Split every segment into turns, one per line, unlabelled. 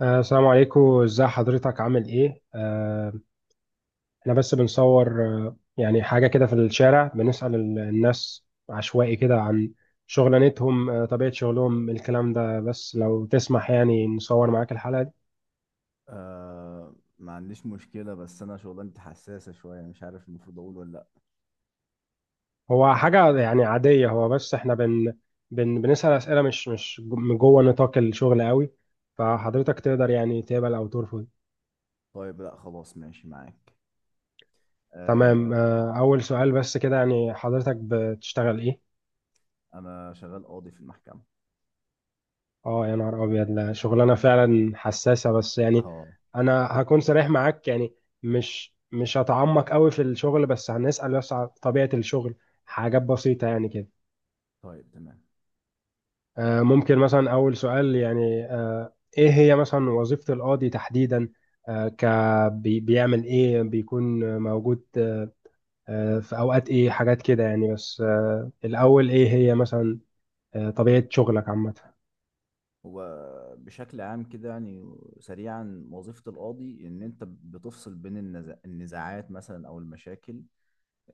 السلام عليكم، ازاي حضرتك؟ عامل ايه؟ احنا بس بنصور يعني حاجة كده في الشارع، بنسأل الناس عشوائي كده عن شغلانتهم، طبيعة شغلهم، الكلام ده. بس لو تسمح يعني نصور معاك الحلقة دي.
آه، ما عنديش مشكلة، بس أنا شغلانتي حساسة شوية، مش عارف المفروض أقول ولا لأ.
هو حاجة يعني عادية، هو بس احنا بن بن بنسأل أسئلة مش من جوه نطاق الشغل قوي. فحضرتك تقدر يعني تقبل أو ترفض.
طيب، لأ خلاص ماشي معاك.
تمام.
آه.
أول سؤال بس كده، يعني حضرتك بتشتغل ايه؟
أنا شغال قاضي في المحكمة.
اه يا نهار ابيض، لا شغلانه فعلا حساسه. بس يعني
أه.
انا هكون صريح معاك، يعني مش هتعمق قوي في الشغل، بس هنسال بس على طبيعه الشغل، حاجات بسيطه يعني كده.
طيب تمام.
ممكن مثلا اول سؤال، يعني ايه هي مثلا وظيفه القاضي تحديدا؟ آه، ك بيعمل ايه؟ بيكون موجود في اوقات ايه؟ حاجات كده يعني. بس الاول ايه هي مثلا طبيعه شغلك عامه؟
هو بشكل عام كده يعني، سريعا وظيفة القاضي إن أنت بتفصل بين النزاعات مثلا أو المشاكل،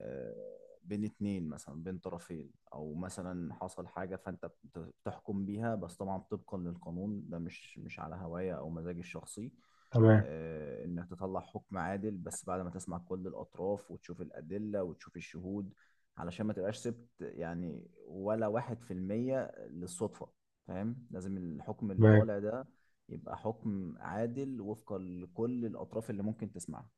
آه، بين اتنين مثلا، بين طرفين او مثلا حصل حاجة فانت بتحكم بيها، بس طبعا طبقا للقانون، ده مش على هواية او مزاجي الشخصي،
تمام.
انك تطلع حكم عادل بس بعد ما تسمع كل الاطراف وتشوف الادلة وتشوف الشهود، علشان ما تبقاش سبت يعني ولا 1% للصدفة. فاهم، لازم الحكم اللي طالع ده يبقى حكم عادل وفقا لكل الاطراف اللي ممكن تسمعها.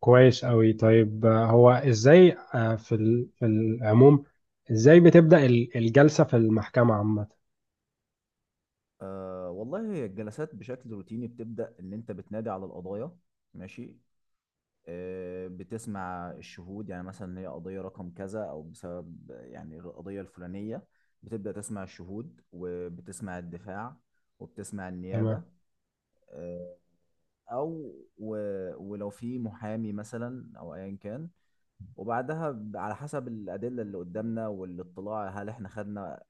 كويس أوي. طيب هو إزاي في العموم إزاي بتبدأ الجلسة في المحكمة عامة؟
آه والله، هي الجلسات بشكل روتيني بتبدأ إن أنت بتنادي على القضايا. ماشي. بتسمع الشهود، يعني مثلا هي قضية رقم كذا أو بسبب يعني القضية الفلانية، بتبدأ تسمع الشهود وبتسمع الدفاع وبتسمع
تمام،
النيابة. آه. أو و ولو في محامي مثلا أو أيا كان، وبعدها على حسب الأدلة اللي قدامنا والاطلاع، هل إحنا خدنا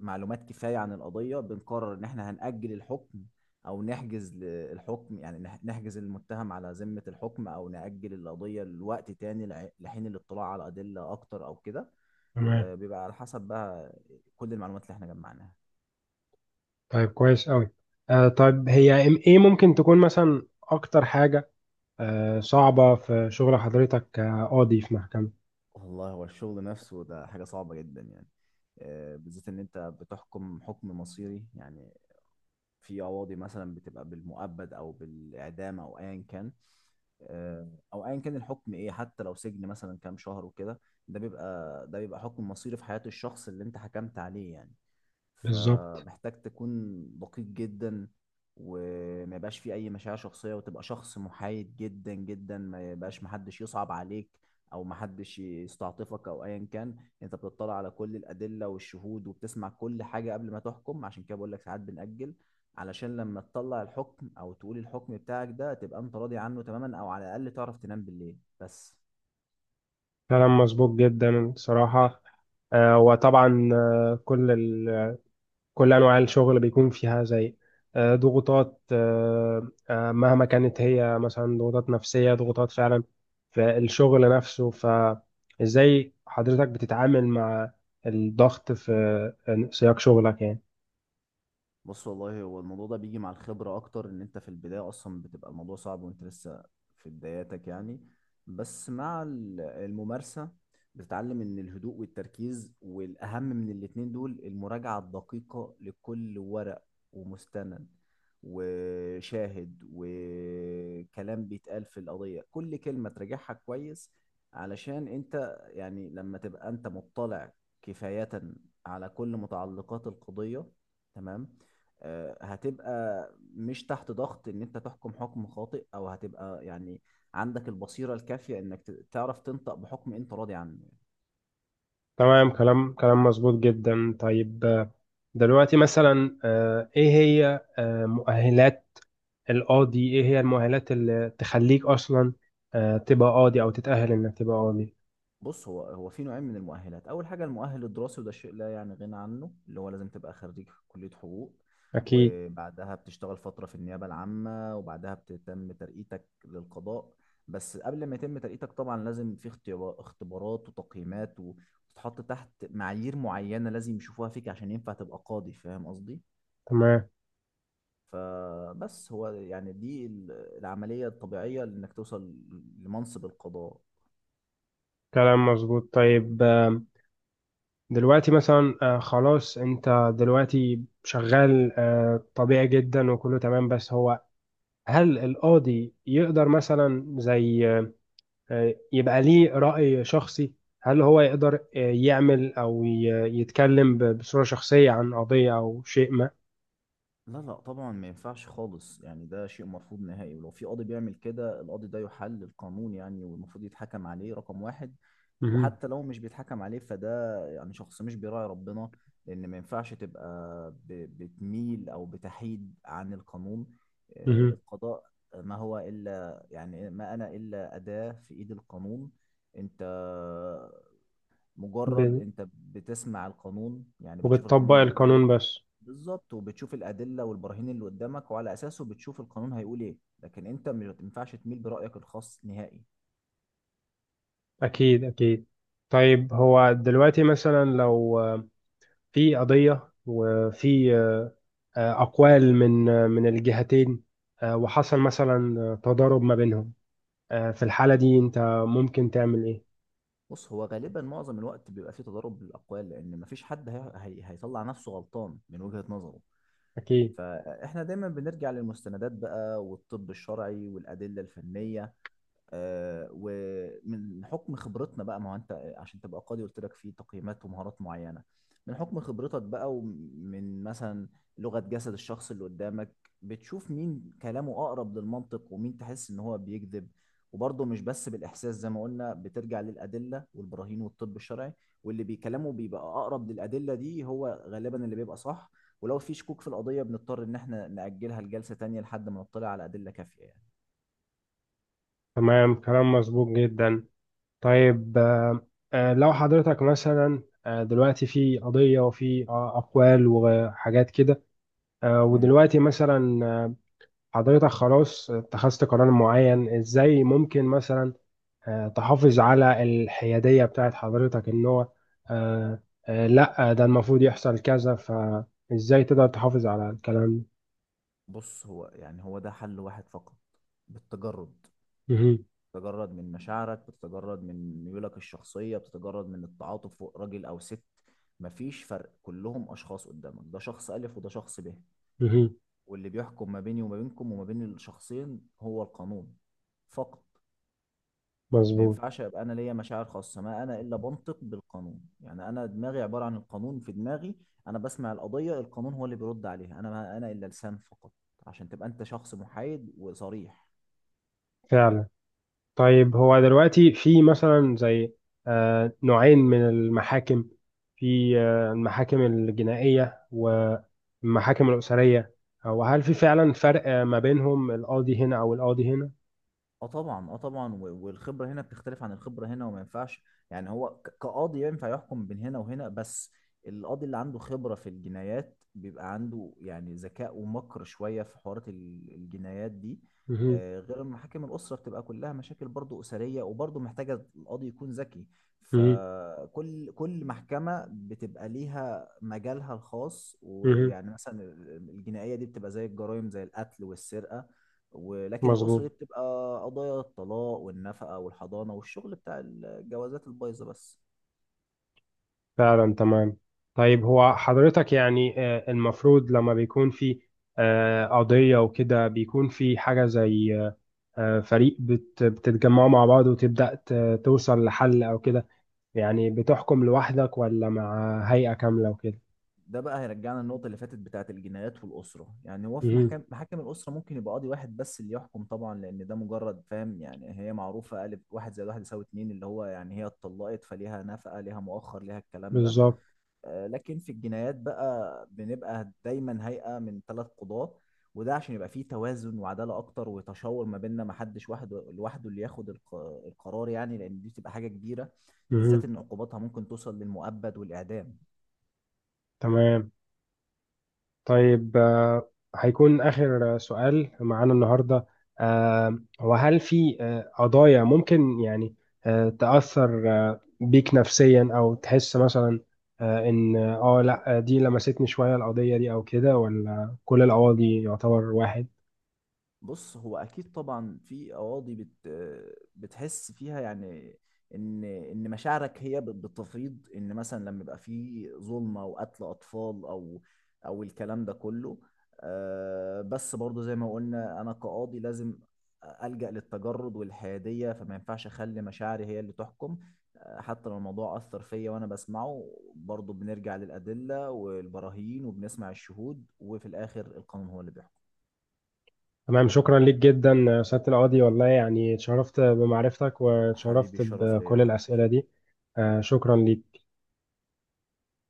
معلومات كفايه عن القضيه، بنقرر ان احنا هنأجل الحكم او نحجز الحكم، يعني نحجز المتهم على ذمه الحكم، او نأجل القضيه لوقت تاني لحين الاطلاع على ادله اكتر او كده.
تمام.
بيبقى على حسب بقى كل المعلومات اللي احنا جمعناها.
طيب كويس أوي. طيب هي إيه ممكن تكون مثلا أكتر حاجة صعبة في شغل حضرتك كقاضي في محكمة؟
والله هو الشغل نفسه ده حاجه صعبه جدا يعني، بالذات ان انت بتحكم حكم مصيري يعني. في قواضي مثلا بتبقى بالمؤبد او بالاعدام او ايا كان، او ايا كان الحكم ايه، حتى لو سجن مثلا كام شهر وكده، ده بيبقى حكم مصيري في حياة الشخص اللي انت حكمت عليه يعني.
بالظبط.
فمحتاج تكون دقيق جدا، وما يبقاش فيه اي مشاعر شخصيه، وتبقى شخص محايد جدا جدا. ما يبقاش محدش يصعب عليك او محدش يستعطفك او ايا كان. انت بتطلع على كل الادله والشهود، وبتسمع كل حاجه قبل ما تحكم. عشان كده بقول لك ساعات بنأجل، علشان لما تطلع الحكم او تقول الحكم بتاعك ده، تبقى انت راضي عنه تماما، او على الاقل تعرف تنام بالليل بس.
كلام مظبوط جدا صراحة. وطبعا كل انواع الشغل بيكون فيها زي ضغوطات، مهما كانت، هي مثلا ضغوطات نفسية، ضغوطات فعلا في الشغل نفسه. فازاي حضرتك بتتعامل مع الضغط في سياق شغلك يعني؟
بص والله هو الموضوع ده بيجي مع الخبرة أكتر، إن أنت في البداية أصلا بتبقى الموضوع صعب وأنت لسه في بداياتك يعني. بس مع الممارسة بتتعلم إن الهدوء والتركيز، والأهم من الاتنين دول المراجعة الدقيقة لكل ورق ومستند وشاهد وكلام بيتقال في القضية. كل كلمة تراجعها كويس، علشان أنت يعني لما تبقى أنت مطلع كفاية على كل متعلقات القضية، تمام، هتبقى مش تحت ضغط ان انت تحكم حكم خاطئ، او هتبقى يعني عندك البصيرة الكافية انك تعرف تنطق بحكم انت راضي عنه.
تمام. كلام مظبوط جدا. طيب دلوقتي مثلا ايه هي مؤهلات القاضي؟ ايه هي المؤهلات اللي تخليك اصلا تبقى قاضي او تتأهل انك تبقى قاضي؟
بص، هو في نوعين من المؤهلات. اول حاجه المؤهل الدراسي، وده شيء لا يعني غنى عنه، اللي هو لازم تبقى خريج كليه حقوق،
اكيد.
وبعدها بتشتغل فتره في النيابه العامه، وبعدها بتتم ترقيتك للقضاء. بس قبل ما يتم ترقيتك طبعا لازم في اختبارات وتقييمات، وتتحط تحت معايير معينه لازم يشوفوها فيك عشان ينفع تبقى قاضي. فاهم قصدي؟
تمام.
فبس هو يعني دي العمليه الطبيعيه لانك توصل لمنصب القضاء.
كلام مظبوط. طيب دلوقتي مثلا خلاص انت دلوقتي شغال طبيعي جدا وكله تمام. بس هو هل القاضي يقدر مثلا زي يبقى ليه رأي شخصي؟ هل هو يقدر يعمل او يتكلم بصورة شخصية عن قضية او شيء ما؟
لا لا طبعا، ما ينفعش خالص، يعني ده شيء مرفوض نهائي. ولو في قاضي بيعمل كده، القاضي ده يحل القانون يعني، والمفروض يتحكم عليه رقم واحد.
مهم.
وحتى لو مش بيتحكم عليه، فده يعني شخص مش بيراعي ربنا. لأن ما ينفعش تبقى بتميل أو بتحيد عن القانون.
مهم.
القضاء ما هو إلا يعني، ما أنا إلا أداة في إيد القانون. أنت مجرد
ب-
أنت بتسمع القانون، يعني بتشوف
وبتطبق
القانون بيقول إيه.
القانون بس.
بالظبط. وبتشوف الادله والبراهين اللي قدامك، وعلى اساسه بتشوف القانون هيقول ايه. لكن انت ما ينفعش تميل برايك الخاص نهائي.
اكيد، اكيد. طيب هو دلوقتي مثلا لو في قضية وفي أقوال من الجهتين، وحصل مثلا تضارب ما بينهم، في الحالة دي أنت ممكن تعمل إيه؟
بص هو غالبا معظم الوقت بيبقى فيه تضارب بالاقوال، لان مفيش حد هيطلع نفسه غلطان من وجهه نظره.
أكيد.
فاحنا دايما بنرجع للمستندات بقى، والطب الشرعي والادله الفنيه. ومن حكم خبرتنا بقى، ما هو انت، عشان تبقى قاضي قلت لك في تقييمات ومهارات معينه. من حكم خبرتك بقى، ومن مثلا لغه جسد الشخص اللي قدامك، بتشوف مين كلامه اقرب للمنطق ومين تحس ان هو بيكذب. وبرضه مش بس بالاحساس، زي ما قلنا بترجع للادله والبراهين والطب الشرعي، واللي بيكلمه بيبقى اقرب للادله دي هو غالبا اللي بيبقى صح. ولو في شكوك في القضيه بنضطر ان احنا ناجلها لجلسه تانية لحد ما نطلع على ادله كافيه يعني.
تمام. كلام مظبوط جدا. طيب لو حضرتك مثلا دلوقتي في قضية وفي أقوال وحاجات كده،
مم.
ودلوقتي مثلا حضرتك خلاص اتخذت قرار معين، إزاي ممكن مثلا تحافظ على الحيادية بتاعت حضرتك، ان هو آه، لا، ده المفروض يحصل كذا؟ فازاي تقدر تحافظ على الكلام ده؟
بص هو يعني، هو ده حل واحد فقط، بالتجرد.
مهم،
تتجرد من مشاعرك، بتتجرد من ميولك الشخصية، بتتجرد من التعاطف، فوق راجل أو ست مفيش فرق. كلهم أشخاص قدامك، ده شخص ألف وده شخص ب.
مهم.
واللي بيحكم ما بيني وما بينكم وما بين الشخصين هو القانون فقط. ما
مظبوط.
ينفعش أبقى أنا ليا مشاعر خاصة، ما أنا إلا بنطق بالقانون. يعني أنا دماغي عبارة عن القانون، في دماغي أنا بسمع القضية، القانون هو اللي بيرد عليها، أنا ما أنا إلا لسان فقط، عشان تبقى أنت شخص محايد وصريح.
فعلا. طيب هو دلوقتي في مثلا زي نوعين من المحاكم، في المحاكم الجنائية والمحاكم الأسرية، وهل في فعلا فرق ما بينهم القاضي هنا أو القاضي هنا؟
اه طبعا، اه طبعا، والخبره هنا بتختلف عن الخبره هنا. وما ينفعش يعني هو كقاضي ينفع يحكم بين هنا وهنا. بس القاضي اللي عنده خبره في الجنايات بيبقى عنده يعني ذكاء ومكر شويه في حوارات الجنايات دي،
مهم،
غير المحاكم الاسره. بتبقى كلها مشاكل برضو اسريه، وبرضو محتاجه القاضي يكون ذكي.
مهم،
فكل محكمه بتبقى ليها مجالها الخاص،
مهم.
ويعني مثلا الجنائيه دي بتبقى زي الجرائم، زي القتل والسرقه. ولكن الأسرة
مظبوط.
دي بتبقى قضايا الطلاق والنفقة والحضانة، والشغل بتاع الجوازات البايظة بس.
فعلا. تمام. طيب هو حضرتك يعني المفروض لما بيكون في قضية وكده بيكون في حاجة زي فريق بتتجمعوا مع بعض وتبدأ توصل لحل أو كده؟ يعني بتحكم لوحدك ولا مع هيئة كاملة وكده؟
ده بقى هيرجعنا للنقطة اللي فاتت بتاعة الجنايات والأسرة. يعني هو في
مهم.
محاكم الأسرة، ممكن يبقى قاضي واحد بس اللي يحكم طبعا، لأن ده مجرد فاهم يعني، هي معروفة قالب، 1+1=2، اللي هو يعني هي اتطلقت فليها نفقة ليها مؤخر ليها الكلام ده.
بالظبط.
لكن في الجنايات بقى بنبقى دايما هيئة من ثلاث قضاة. وده عشان يبقى فيه توازن وعدالة أكتر، وتشاور ما بيننا، ما حدش وحده لوحده اللي ياخد القرار يعني، لأن دي بتبقى حاجة كبيرة، بالذات
مهم.
إن عقوباتها ممكن توصل للمؤبد والإعدام.
تمام. طيب هيكون آخر سؤال معانا النهاردة. وهل في قضايا ممكن يعني تأثر بيك نفسيا، أو تحس مثلا إن لأ، دي لمستني شوية القضية دي أو كده، ولا كل القواضي يعتبر واحد؟
بص هو اكيد طبعا في قواضي بتحس فيها يعني، ان مشاعرك هي بتفيض، ان مثلا لما يبقى في ظلمه وقتل اطفال او الكلام ده كله. بس برضو زي ما قلنا، انا كقاضي لازم ألجأ للتجرد والحياديه، فما ينفعش اخلي مشاعري هي اللي تحكم. حتى لو الموضوع اثر فيا وانا بسمعه، برضو بنرجع للادله والبراهين، وبنسمع الشهود، وفي الاخر القانون هو اللي بيحكم.
تمام. شكرا ليك جدا سيادة القاضي، والله يعني اتشرفت بمعرفتك
حبيبي
واتشرفت
الشرف ليا يا
بكل
حبيبي.
الأسئلة دي. شكرا ليك.